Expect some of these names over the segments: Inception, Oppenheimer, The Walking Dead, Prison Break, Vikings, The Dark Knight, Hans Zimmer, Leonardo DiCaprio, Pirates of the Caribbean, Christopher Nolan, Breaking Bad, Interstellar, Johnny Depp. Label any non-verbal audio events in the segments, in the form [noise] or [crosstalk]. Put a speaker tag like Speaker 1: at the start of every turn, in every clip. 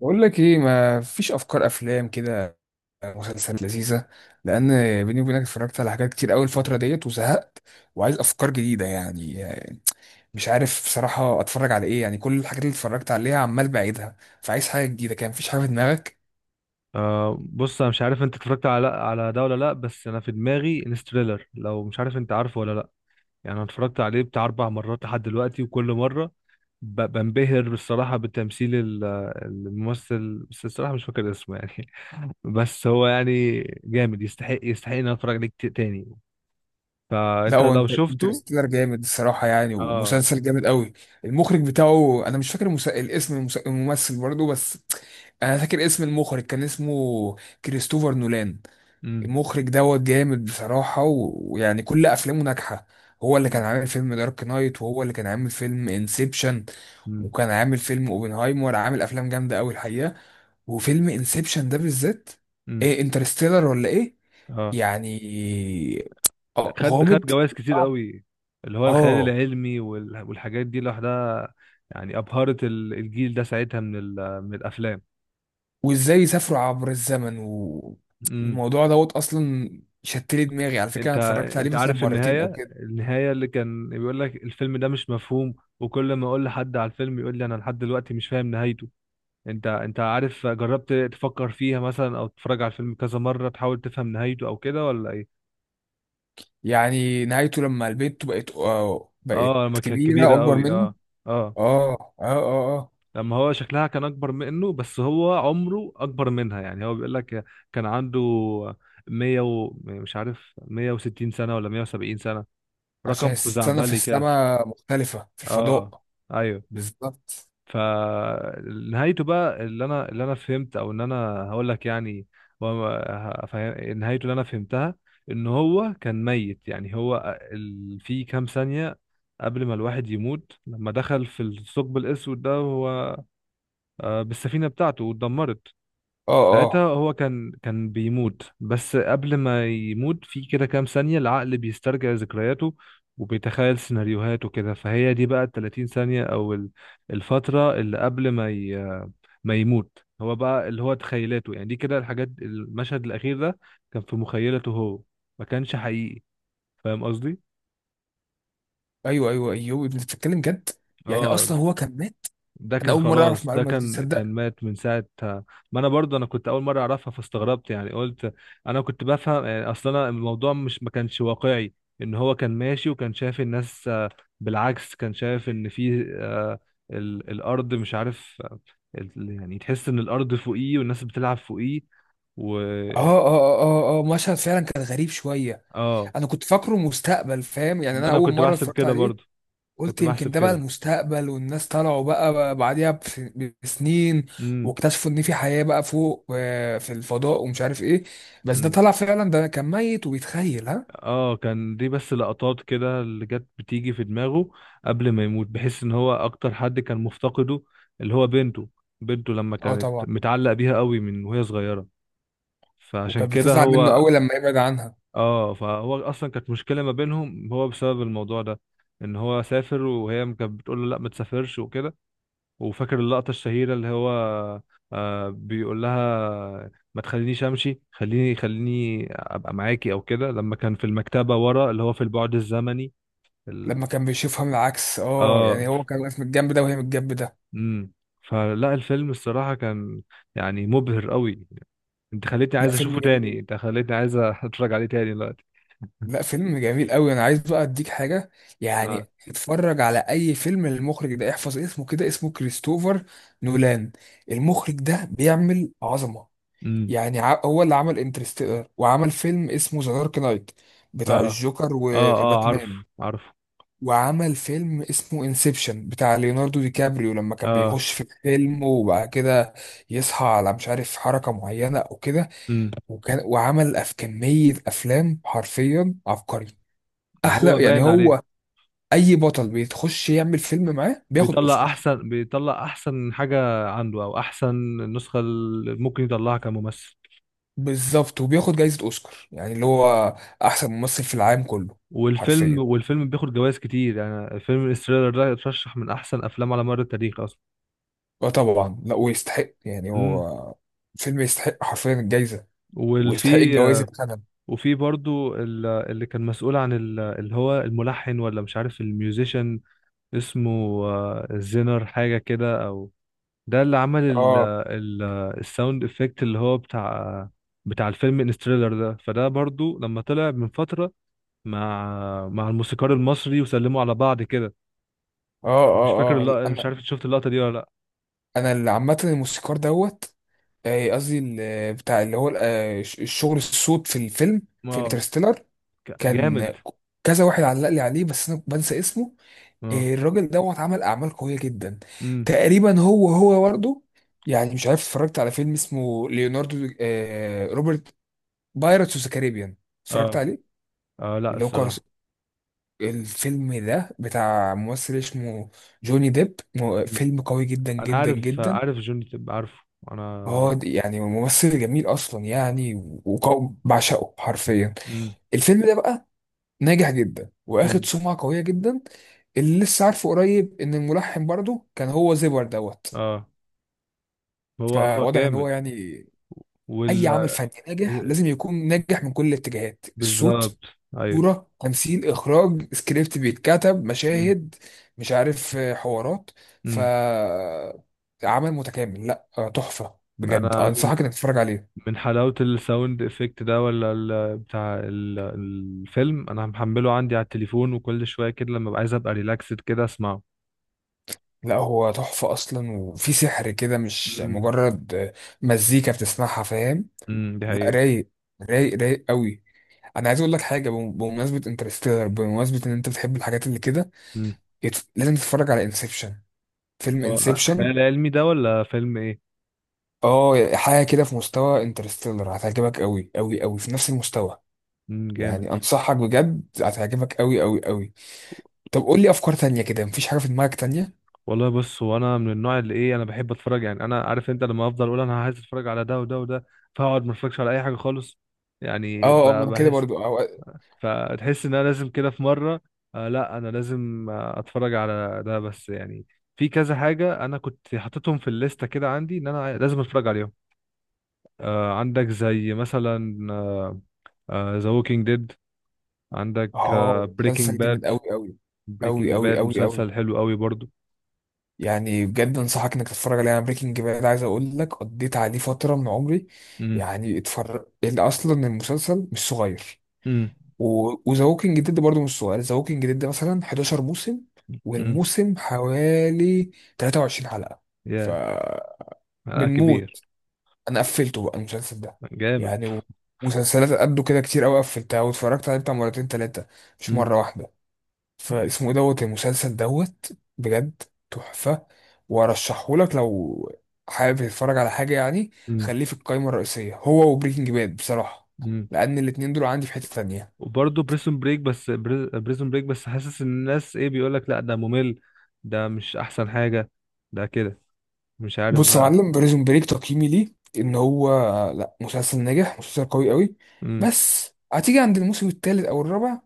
Speaker 1: بقول لك ايه؟ ما فيش افكار افلام كده، مسلسلات لذيذه. لان بيني وبينك اتفرجت على حاجات كتير قوي الفتره ديت وزهقت، وعايز افكار جديده يعني. مش عارف بصراحه اتفرج على ايه، يعني كل الحاجات اللي اتفرجت عليها عمال بعيدها. فعايز حاجه جديده، كان مفيش حاجه في دماغك؟
Speaker 2: بص، انا مش عارف انت اتفرجت على ده ولا لا. بس انا في دماغي انستريلر، لو مش عارف. انت عارفه ولا لا؟ يعني انا اتفرجت عليه بتاع اربع مرات لحد دلوقتي، وكل مره بنبهر بالصراحه بتمثيل الممثل، بس الصراحه مش فاكر اسمه يعني. [laughs] بس هو يعني جامد، يستحق ان أنا اتفرج عليه كتير تاني.
Speaker 1: لا،
Speaker 2: فانت
Speaker 1: هو
Speaker 2: لو
Speaker 1: انت
Speaker 2: شفته.
Speaker 1: انترستيلر جامد الصراحه يعني،
Speaker 2: اه.
Speaker 1: ومسلسل جامد قوي. المخرج بتاعه انا مش فاكر الاسم، الممثل برضه، بس انا فاكر اسم المخرج كان اسمه كريستوفر نولان.
Speaker 2: امم.
Speaker 1: المخرج دوت جامد بصراحة، ويعني كل أفلامه ناجحة. هو اللي كان
Speaker 2: امم.
Speaker 1: عامل فيلم دارك نايت، وهو اللي كان عامل فيلم انسبشن،
Speaker 2: امم.
Speaker 1: وكان عامل فيلم اوبنهايمر. عامل أفلام جامدة أوي الحقيقة، وفيلم انسبشن ده بالذات.
Speaker 2: امم،
Speaker 1: إيه انترستيلر ولا إيه؟
Speaker 2: اه.
Speaker 1: يعني آه،
Speaker 2: خد
Speaker 1: غامض،
Speaker 2: جوائز كتير
Speaker 1: صعب.
Speaker 2: قوي، اللي هو الخيال
Speaker 1: اه،
Speaker 2: العلمي والحاجات دي لوحدها. يعني أبهرت الجيل ده ساعتها من الأفلام.
Speaker 1: وازاي يسافروا عبر الزمن
Speaker 2: امم.
Speaker 1: والموضوع دوت اصلا. شتلي دماغي على فكره، انا
Speaker 2: انت
Speaker 1: اتفرجت عليه
Speaker 2: انت
Speaker 1: مثلا
Speaker 2: عارف،
Speaker 1: مرتين او
Speaker 2: النهاية
Speaker 1: كده.
Speaker 2: النهاية اللي كان بيقول لك الفيلم ده مش مفهوم، وكل ما اقول لحد على الفيلم يقول لي انا لحد دلوقتي مش فاهم نهايته. انت عارف، جربت تفكر فيها مثلا، او تتفرج على الفيلم كذا مرة تحاول تفهم نهايته او كده، ولا ايه؟
Speaker 1: يعني نهايته لما البنت بقت آه، بقت
Speaker 2: اه، لما كانت
Speaker 1: كبيرة
Speaker 2: كبيرة
Speaker 1: أكبر
Speaker 2: قوي،
Speaker 1: منه.
Speaker 2: اه. اه،
Speaker 1: اه اه اه اه،
Speaker 2: لما هو شكلها كان اكبر منه، بس هو عمره اكبر منها. يعني هو بيقول لك كان عنده 100 مش عارف 160 سنة ولا 170 سنة،
Speaker 1: عشان
Speaker 2: رقم
Speaker 1: السنة في
Speaker 2: خزعبلي كده.
Speaker 1: السماء مختلفة في
Speaker 2: اه.
Speaker 1: الفضاء.
Speaker 2: ايوه.
Speaker 1: بالظبط.
Speaker 2: فنهايته بقى اللي انا فهمت، او ان انا هقول لك يعني. نهايته اللي انا فهمتها ان هو كان ميت. يعني هو في كام ثانية قبل ما الواحد يموت، لما دخل في الثقب الاسود ده، هو بالسفينة بتاعته واتدمرت.
Speaker 1: اه
Speaker 2: ساعتها
Speaker 1: اه،
Speaker 2: هو كان بيموت، بس قبل ما يموت في كده كام ثانية، العقل بيسترجع ذكرياته وبيتخيل سيناريوهات وكده. فهي دي بقى ال 30 ثانية، أو الفترة اللي قبل ما ما يموت، هو بقى اللي هو تخيلاته يعني. دي كده الحاجات، المشهد الأخير ده كان في مخيلته هو، ما كانش حقيقي. فاهم قصدي؟
Speaker 1: ايوه ايوه ايوه، انت بتتكلم جد؟ يعني
Speaker 2: اه.
Speaker 1: اصلا هو كان مات.
Speaker 2: ده
Speaker 1: انا
Speaker 2: كان
Speaker 1: اول مرة اعرف
Speaker 2: خلاص، ده
Speaker 1: معلومة دي،
Speaker 2: كان
Speaker 1: تصدق؟
Speaker 2: مات من ساعة. ما انا برضه، انا كنت اول مرة اعرفها فاستغربت، يعني قلت انا كنت بفهم يعني. اصلا انا الموضوع مش ما كانش واقعي، ان هو كان ماشي وكان شايف الناس، بالعكس كان شايف ان في، الارض مش عارف، يعني تحس ان الارض فوقيه والناس بتلعب فوقيه. و.
Speaker 1: اه اه اه اه آه، مشهد فعلا كان غريب شوية.
Speaker 2: اه.
Speaker 1: انا كنت فاكره مستقبل، فاهم؟ يعني
Speaker 2: ما
Speaker 1: انا
Speaker 2: انا
Speaker 1: اول
Speaker 2: كنت
Speaker 1: مرة
Speaker 2: بحسب
Speaker 1: اتفرجت
Speaker 2: كده
Speaker 1: عليه
Speaker 2: برضه، كنت
Speaker 1: قلت يمكن
Speaker 2: بحسب
Speaker 1: ده بقى
Speaker 2: كده.
Speaker 1: المستقبل، والناس طلعوا بقى بعديها بسنين،
Speaker 2: امم.
Speaker 1: واكتشفوا ان في حياة بقى فوق آه، في الفضاء ومش عارف ايه. بس ده
Speaker 2: امم.
Speaker 1: طلع فعلا ده كان ميت وبيتخيل، ها.
Speaker 2: اه، كان دي بس لقطات كده اللي جت بتيجي في دماغه قبل ما يموت، بحيث ان هو اكتر حد كان مفتقده اللي هو بنته. بنته لما
Speaker 1: اه
Speaker 2: كانت
Speaker 1: طبعا.
Speaker 2: متعلق بيها قوي من وهي صغيرة، فعشان
Speaker 1: وكانت
Speaker 2: كده
Speaker 1: بتزعل منه
Speaker 2: هو.
Speaker 1: قوي لما يبعد عنها.
Speaker 2: اه، فهو اصلا كانت مشكلة ما بينهم هو بسبب الموضوع ده، ان هو سافر وهي كانت بتقول له لا ما تسافرش وكده. وفاكر اللقطة الشهيرة اللي هو، بيقول لها ما تخلينيش امشي، خليني خليني ابقى معاكي او كده، لما كان في المكتبة ورا اللي هو في البعد الزمني ال...
Speaker 1: لما كان بيشوفها من العكس، اه،
Speaker 2: اه.
Speaker 1: يعني هو كان واقف من الجنب ده، وهي من الجنب ده.
Speaker 2: امم. فلا الفيلم الصراحة كان، يعني مبهر قوي. انت خليتني
Speaker 1: لا،
Speaker 2: عايز
Speaker 1: فيلم
Speaker 2: اشوفه تاني،
Speaker 1: جميل.
Speaker 2: انت خليتني عايز [laughs] اتفرج عليه تاني دلوقتي.
Speaker 1: لا، فيلم جميل قوي. انا عايز بقى اديك حاجة
Speaker 2: اه.
Speaker 1: يعني، اتفرج على اي فيلم للمخرج ده. احفظ اسمه كده، اسمه كريستوفر نولان. المخرج ده بيعمل عظمة.
Speaker 2: امم.
Speaker 1: يعني هو اللي عمل انترستيلر، وعمل فيلم اسمه ذا دارك نايت بتاع
Speaker 2: اه.
Speaker 1: الجوكر
Speaker 2: اه. اه. عارف.
Speaker 1: وباتمان،
Speaker 2: عارف.
Speaker 1: وعمل فيلم اسمه انسبشن بتاع ليوناردو دي كابريو، لما كان
Speaker 2: اه.
Speaker 1: بيخش في الفيلم وبعد كده يصحى على مش عارف حركة معينة او كده.
Speaker 2: امم.
Speaker 1: وعمل كمية افلام، حرفيا عبقري.
Speaker 2: ما هو
Speaker 1: احلى يعني،
Speaker 2: باين عليه.
Speaker 1: هو اي بطل بيتخش يعمل فيلم معاه بياخد اوسكار.
Speaker 2: بيطلع احسن حاجه عنده، او احسن النسخه اللي ممكن يطلعها كممثل.
Speaker 1: بالظبط، وبياخد جايزة اوسكار يعني، اللي هو احسن ممثل في العالم كله.
Speaker 2: والفيلم
Speaker 1: حرفيا.
Speaker 2: والفيلم بياخد جوائز كتير، يعني فيلم انستيلر ده اترشح من احسن افلام على مر التاريخ اصلا.
Speaker 1: اه طبعا، لا ويستحق، يعني
Speaker 2: امم.
Speaker 1: هو فيلم يستحق حرفيا الجايزه، ويستحق
Speaker 2: والفي
Speaker 1: الجوائز اللي خدها.
Speaker 2: وفي برضو اللي كان مسؤول عن اللي هو الملحن، ولا مش عارف الميوزيشن، اسمه زينر حاجه كده، او ده اللي عمل ال
Speaker 1: اه
Speaker 2: ال الساوند افكت اللي هو بتاع الفيلم انستيلر ده. فده برضو لما طلع من فتره مع الموسيقار المصري وسلموا على بعض كده.
Speaker 1: اه
Speaker 2: مش فاكر
Speaker 1: اه اه، لا،
Speaker 2: اللقطة، مش
Speaker 1: انا
Speaker 2: عارف إنت شفت اللقطة دي ولا لا.
Speaker 1: انا اللي عامه الموسيقار دوت آه، قصدي بتاع اللي هو آه، الشغل الصوت في الفيلم، في
Speaker 2: اه.
Speaker 1: انترستيلر.
Speaker 2: جامد.
Speaker 1: كان كذا واحد علق لي عليه، بس انا بنسى اسمه.
Speaker 2: اه.
Speaker 1: آه، الراجل دوت عمل اعمال قويه جدا.
Speaker 2: امم.
Speaker 1: تقريبا هو برضه يعني، مش عارف اتفرجت على فيلم اسمه ليوناردو آه، روبرت، بايرتس اوف ذا كاريبيان؟ اتفرجت
Speaker 2: اه.
Speaker 1: عليه؟
Speaker 2: اه، لا
Speaker 1: اللي هو
Speaker 2: الصراحة.
Speaker 1: الفيلم ده بتاع ممثل اسمه جوني ديب.
Speaker 2: مم.
Speaker 1: فيلم قوي جدا
Speaker 2: انا
Speaker 1: جدا جدا.
Speaker 2: عارف جوني تب، عارفه
Speaker 1: هو
Speaker 2: انا.
Speaker 1: يعني ممثل جميل اصلا يعني، بعشقه حرفيا.
Speaker 2: امم.
Speaker 1: الفيلم ده بقى ناجح جدا، واخد
Speaker 2: امم.
Speaker 1: سمعة قوية جدا. اللي لسه عارفه قريب ان الملحن برضه كان هو زيبر دوت.
Speaker 2: اه، هو هو
Speaker 1: فواضح ان
Speaker 2: جامد.
Speaker 1: هو يعني
Speaker 2: وال
Speaker 1: اي عمل
Speaker 2: آه،
Speaker 1: فني ناجح لازم يكون ناجح من كل الاتجاهات: الصوت،
Speaker 2: بالظبط. ايوه.
Speaker 1: صورة، تمثيل، إخراج، سكريبت بيتكتب،
Speaker 2: امم.
Speaker 1: مشاهد، مش عارف آه، حوارات. ف
Speaker 2: امم.
Speaker 1: عمل متكامل، لا آه، تحفة بجد.
Speaker 2: انا من
Speaker 1: أنصحك إنك تتفرج عليه.
Speaker 2: من حلاوة الساوند افكت ده، ولا الفيلم، انا محمله عندي على التليفون، وكل شوية كده لما ابقى عايز ابقى ريلاكسد كده اسمعه.
Speaker 1: لا هو تحفة أصلا، وفي سحر كده، مش
Speaker 2: امم.
Speaker 1: مجرد آه، مزيكا بتسمعها، فاهم؟
Speaker 2: امم، دي
Speaker 1: لا
Speaker 2: حقيقة.
Speaker 1: رايق، رايق رايق قوي. أنا عايز أقول لك حاجة بمناسبة انترستيلر، بمناسبة إن أنت بتحب الحاجات اللي كده،
Speaker 2: امم.
Speaker 1: لازم تتفرج على انسبشن. فيلم
Speaker 2: اه، خيال
Speaker 1: انسبشن.
Speaker 2: العلمي ده ولا فيلم ايه؟
Speaker 1: اه، حاجه كده في مستوى انترستيلر، هتعجبك قوي قوي قوي. في نفس المستوى
Speaker 2: امم. جامد.
Speaker 1: يعني، انصحك بجد هتعجبك قوي قوي قوي. طب قول لي افكار تانية كده، مفيش حاجه في دماغك تانية؟
Speaker 2: والله بص، هو انا من النوع اللي ايه، انا بحب اتفرج يعني. انا عارف انت، لما افضل اقول انا عايز اتفرج على ده وده وده، فاقعد ما اتفرجش على اي حاجة خالص. يعني
Speaker 1: اه اه، ما انا كده
Speaker 2: بحس،
Speaker 1: برضو، اه.
Speaker 2: فتحس ان انا لازم كده في مرة، آه لا انا لازم اتفرج على ده بس يعني. في كذا حاجة انا كنت حاططهم في الليستة كده عندي، ان انا لازم اتفرج عليهم. عندك زي مثلا ذا ووكينج ديد. عندك
Speaker 1: اه،
Speaker 2: بريكنج
Speaker 1: مسلسل جامد
Speaker 2: باد.
Speaker 1: قوي قوي. قوي
Speaker 2: بريكنج
Speaker 1: قوي
Speaker 2: باد
Speaker 1: قوي قوي،
Speaker 2: مسلسل حلو قوي برضو.
Speaker 1: يعني بجد انصحك انك تتفرج عليه. انا بريكنج باد عايز اقول لك قضيت عليه فتره من عمري.
Speaker 2: امم.
Speaker 1: يعني اتفرج، اصلا المسلسل مش صغير،
Speaker 2: امم.
Speaker 1: وذا ووكينج ديد برضه مش صغير. ذا ووكينج ديد مثلا 11 موسم،
Speaker 2: امم.
Speaker 1: والموسم حوالي 23 حلقة. ف
Speaker 2: يا، آه كبير.
Speaker 1: بنموت. انا قفلته بقى المسلسل ده
Speaker 2: جامد.
Speaker 1: يعني. مسلسلات قده كده كتير قوي قفلتها واتفرجت عليه بتاع مرتين تلاتة، مش
Speaker 2: امم.
Speaker 1: مرة واحدة. فاسمه ايه دوت المسلسل دوت، بجد تحفة، وارشحه لك لو حابب تتفرج على حاجة يعني.
Speaker 2: امم.
Speaker 1: خليه في القائمة الرئيسية، هو وبريكنج باد بصراحة،
Speaker 2: امم.
Speaker 1: لأن الاتنين دول عندي في حتة تانية.
Speaker 2: وبرضه بريسون بريك، بس حاسس ان الناس ايه بيقول لك لا، ده ممل، ده مش احسن حاجة، ده كده، مش عارف
Speaker 1: بص يا
Speaker 2: بقى.
Speaker 1: معلم، بريزون بريك تقييمي ليه ان هو، لا مسلسل ناجح، مسلسل قوي قوي،
Speaker 2: امم.
Speaker 1: بس هتيجي عند الموسم الثالث او الرابع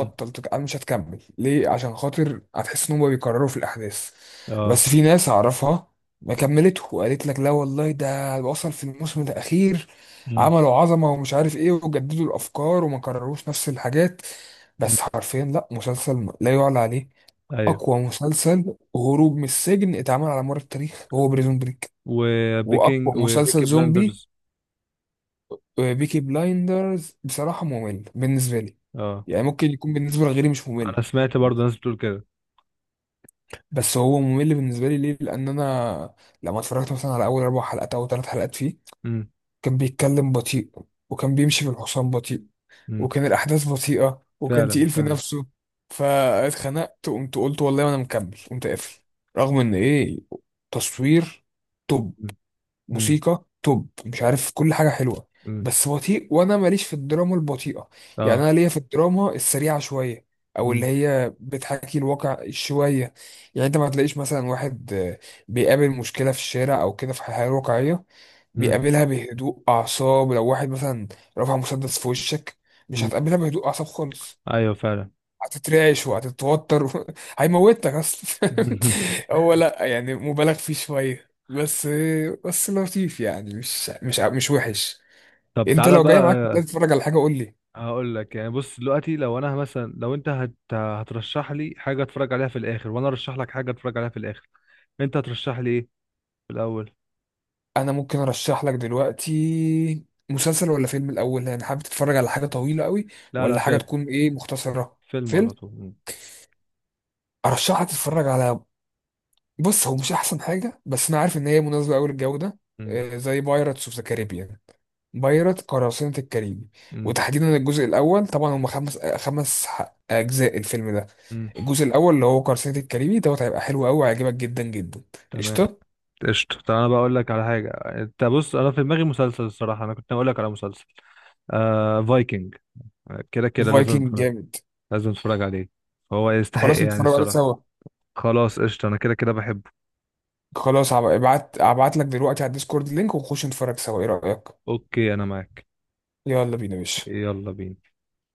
Speaker 2: أمم.
Speaker 1: مش هتكمل ليه، عشان خاطر هتحس ان هم بيكرروا في الاحداث.
Speaker 2: اه.
Speaker 1: بس في ناس اعرفها ما كملته وقالت لك لا والله ده وصل في الموسم الاخير،
Speaker 2: امم.
Speaker 1: عملوا عظمه ومش عارف ايه، وجددوا الافكار وما كرروش نفس الحاجات.
Speaker 2: أمم.
Speaker 1: بس حرفيا لا مسلسل لا يعلى عليه.
Speaker 2: ايوه.
Speaker 1: اقوى مسلسل هروب من السجن اتعمل على مر التاريخ هو بريزون بريك، واقوى مسلسل
Speaker 2: وبيكي
Speaker 1: زومبي.
Speaker 2: بلاندرز.
Speaker 1: بيكي بلايندرز بصراحه ممل بالنسبه لي،
Speaker 2: اه.
Speaker 1: يعني ممكن يكون بالنسبه لغيري مش ممل،
Speaker 2: انا سمعت برضه ناس بتقول كده.
Speaker 1: بس هو ممل بالنسبه لي ليه؟ لان انا لما اتفرجت مثلا على اول اربع حلقات او ثلاث حلقات فيه،
Speaker 2: امم.
Speaker 1: كان بيتكلم بطيء، وكان بيمشي بالحصان بطيء،
Speaker 2: امم.
Speaker 1: وكان الاحداث بطيئه، وكان
Speaker 2: فعلا
Speaker 1: تقيل في
Speaker 2: فعلا.
Speaker 1: نفسه. فاتخنقت وقمت قلت والله انا مكمل، قمت قافل. رغم ان ايه، تصوير توب،
Speaker 2: امم. امم.
Speaker 1: موسيقى توب، مش عارف كل حاجة حلوة،
Speaker 2: أمم.
Speaker 1: بس بطيء. وانا ماليش في الدراما البطيئة، يعني
Speaker 2: اه.
Speaker 1: انا ليا في الدراما السريعة شوية، او اللي
Speaker 2: مم.
Speaker 1: هي بتحكي الواقع شوية. يعني انت ما تلاقيش مثلا واحد آه، بيقابل مشكلة في الشارع او كده في الحياة الواقعية
Speaker 2: مم.
Speaker 1: بيقابلها بهدوء اعصاب. لو واحد مثلا رفع مسدس في وشك، مش
Speaker 2: مم.
Speaker 1: هتقابلها بهدوء اعصاب خالص،
Speaker 2: ايوه فعلا.
Speaker 1: هتترعش وهتتوتر و... [laughs] هيموتك اصلا.
Speaker 2: [laughs]
Speaker 1: [laughs] هو لا يعني مبالغ فيه شويه، بس بس لطيف يعني، مش وحش.
Speaker 2: طب
Speaker 1: انت
Speaker 2: تعالى
Speaker 1: لو جاي
Speaker 2: بقى.
Speaker 1: معاك تتفرج على حاجه قول لي.
Speaker 2: هقول لك يعني، بص دلوقتي لو انا مثلا، لو انت هترشح لي حاجه اتفرج عليها في الاخر، وانا ارشح لك حاجه اتفرج عليها في الاخر. انت هترشح لي ايه في الاول؟
Speaker 1: انا ممكن ارشح لك دلوقتي مسلسل ولا فيلم الاول؟ يعني حابب تتفرج على حاجه طويله قوي،
Speaker 2: لا لا،
Speaker 1: ولا حاجه
Speaker 2: فيلم.
Speaker 1: تكون ايه مختصره؟
Speaker 2: فيلم
Speaker 1: فيلم.
Speaker 2: على طول. مم.
Speaker 1: ارشحك تتفرج على، بص هو مش احسن حاجه بس انا عارف ان هي مناسبه قوي للجو ده،
Speaker 2: مم.
Speaker 1: آه، زي بايرتس اوف ذا كاريبيان، بيرت قراصنة الكاريبي.
Speaker 2: مم.
Speaker 1: وتحديدا الجزء الأول، طبعا هم خمس أجزاء الفيلم ده.
Speaker 2: مم.
Speaker 1: الجزء الأول اللي هو قراصنة الكاريبي دوت هيبقى حلو أوي، هيعجبك جدا جدا.
Speaker 2: تمام.
Speaker 1: قشطة.
Speaker 2: قشطه. طب انا بقى اقول لك على حاجه، انت بص انا في دماغي مسلسل الصراحه، انا كنت هقول لك على مسلسل، فايكنج. كده كده لازم
Speaker 1: فايكنج جامد،
Speaker 2: لازم اتفرج عليه. هو يستحق
Speaker 1: خلاص
Speaker 2: يعني
Speaker 1: نتفرج عليه
Speaker 2: الصراحه.
Speaker 1: سوا.
Speaker 2: خلاص قشطه، انا كده كده بحبه.
Speaker 1: ابعت لك دلوقتي على الديسكورد لينك ونخش نتفرج سوا، ايه رأيك؟
Speaker 2: اوكي، انا معاك.
Speaker 1: يلا بينا يا باشا.
Speaker 2: يلا بينا.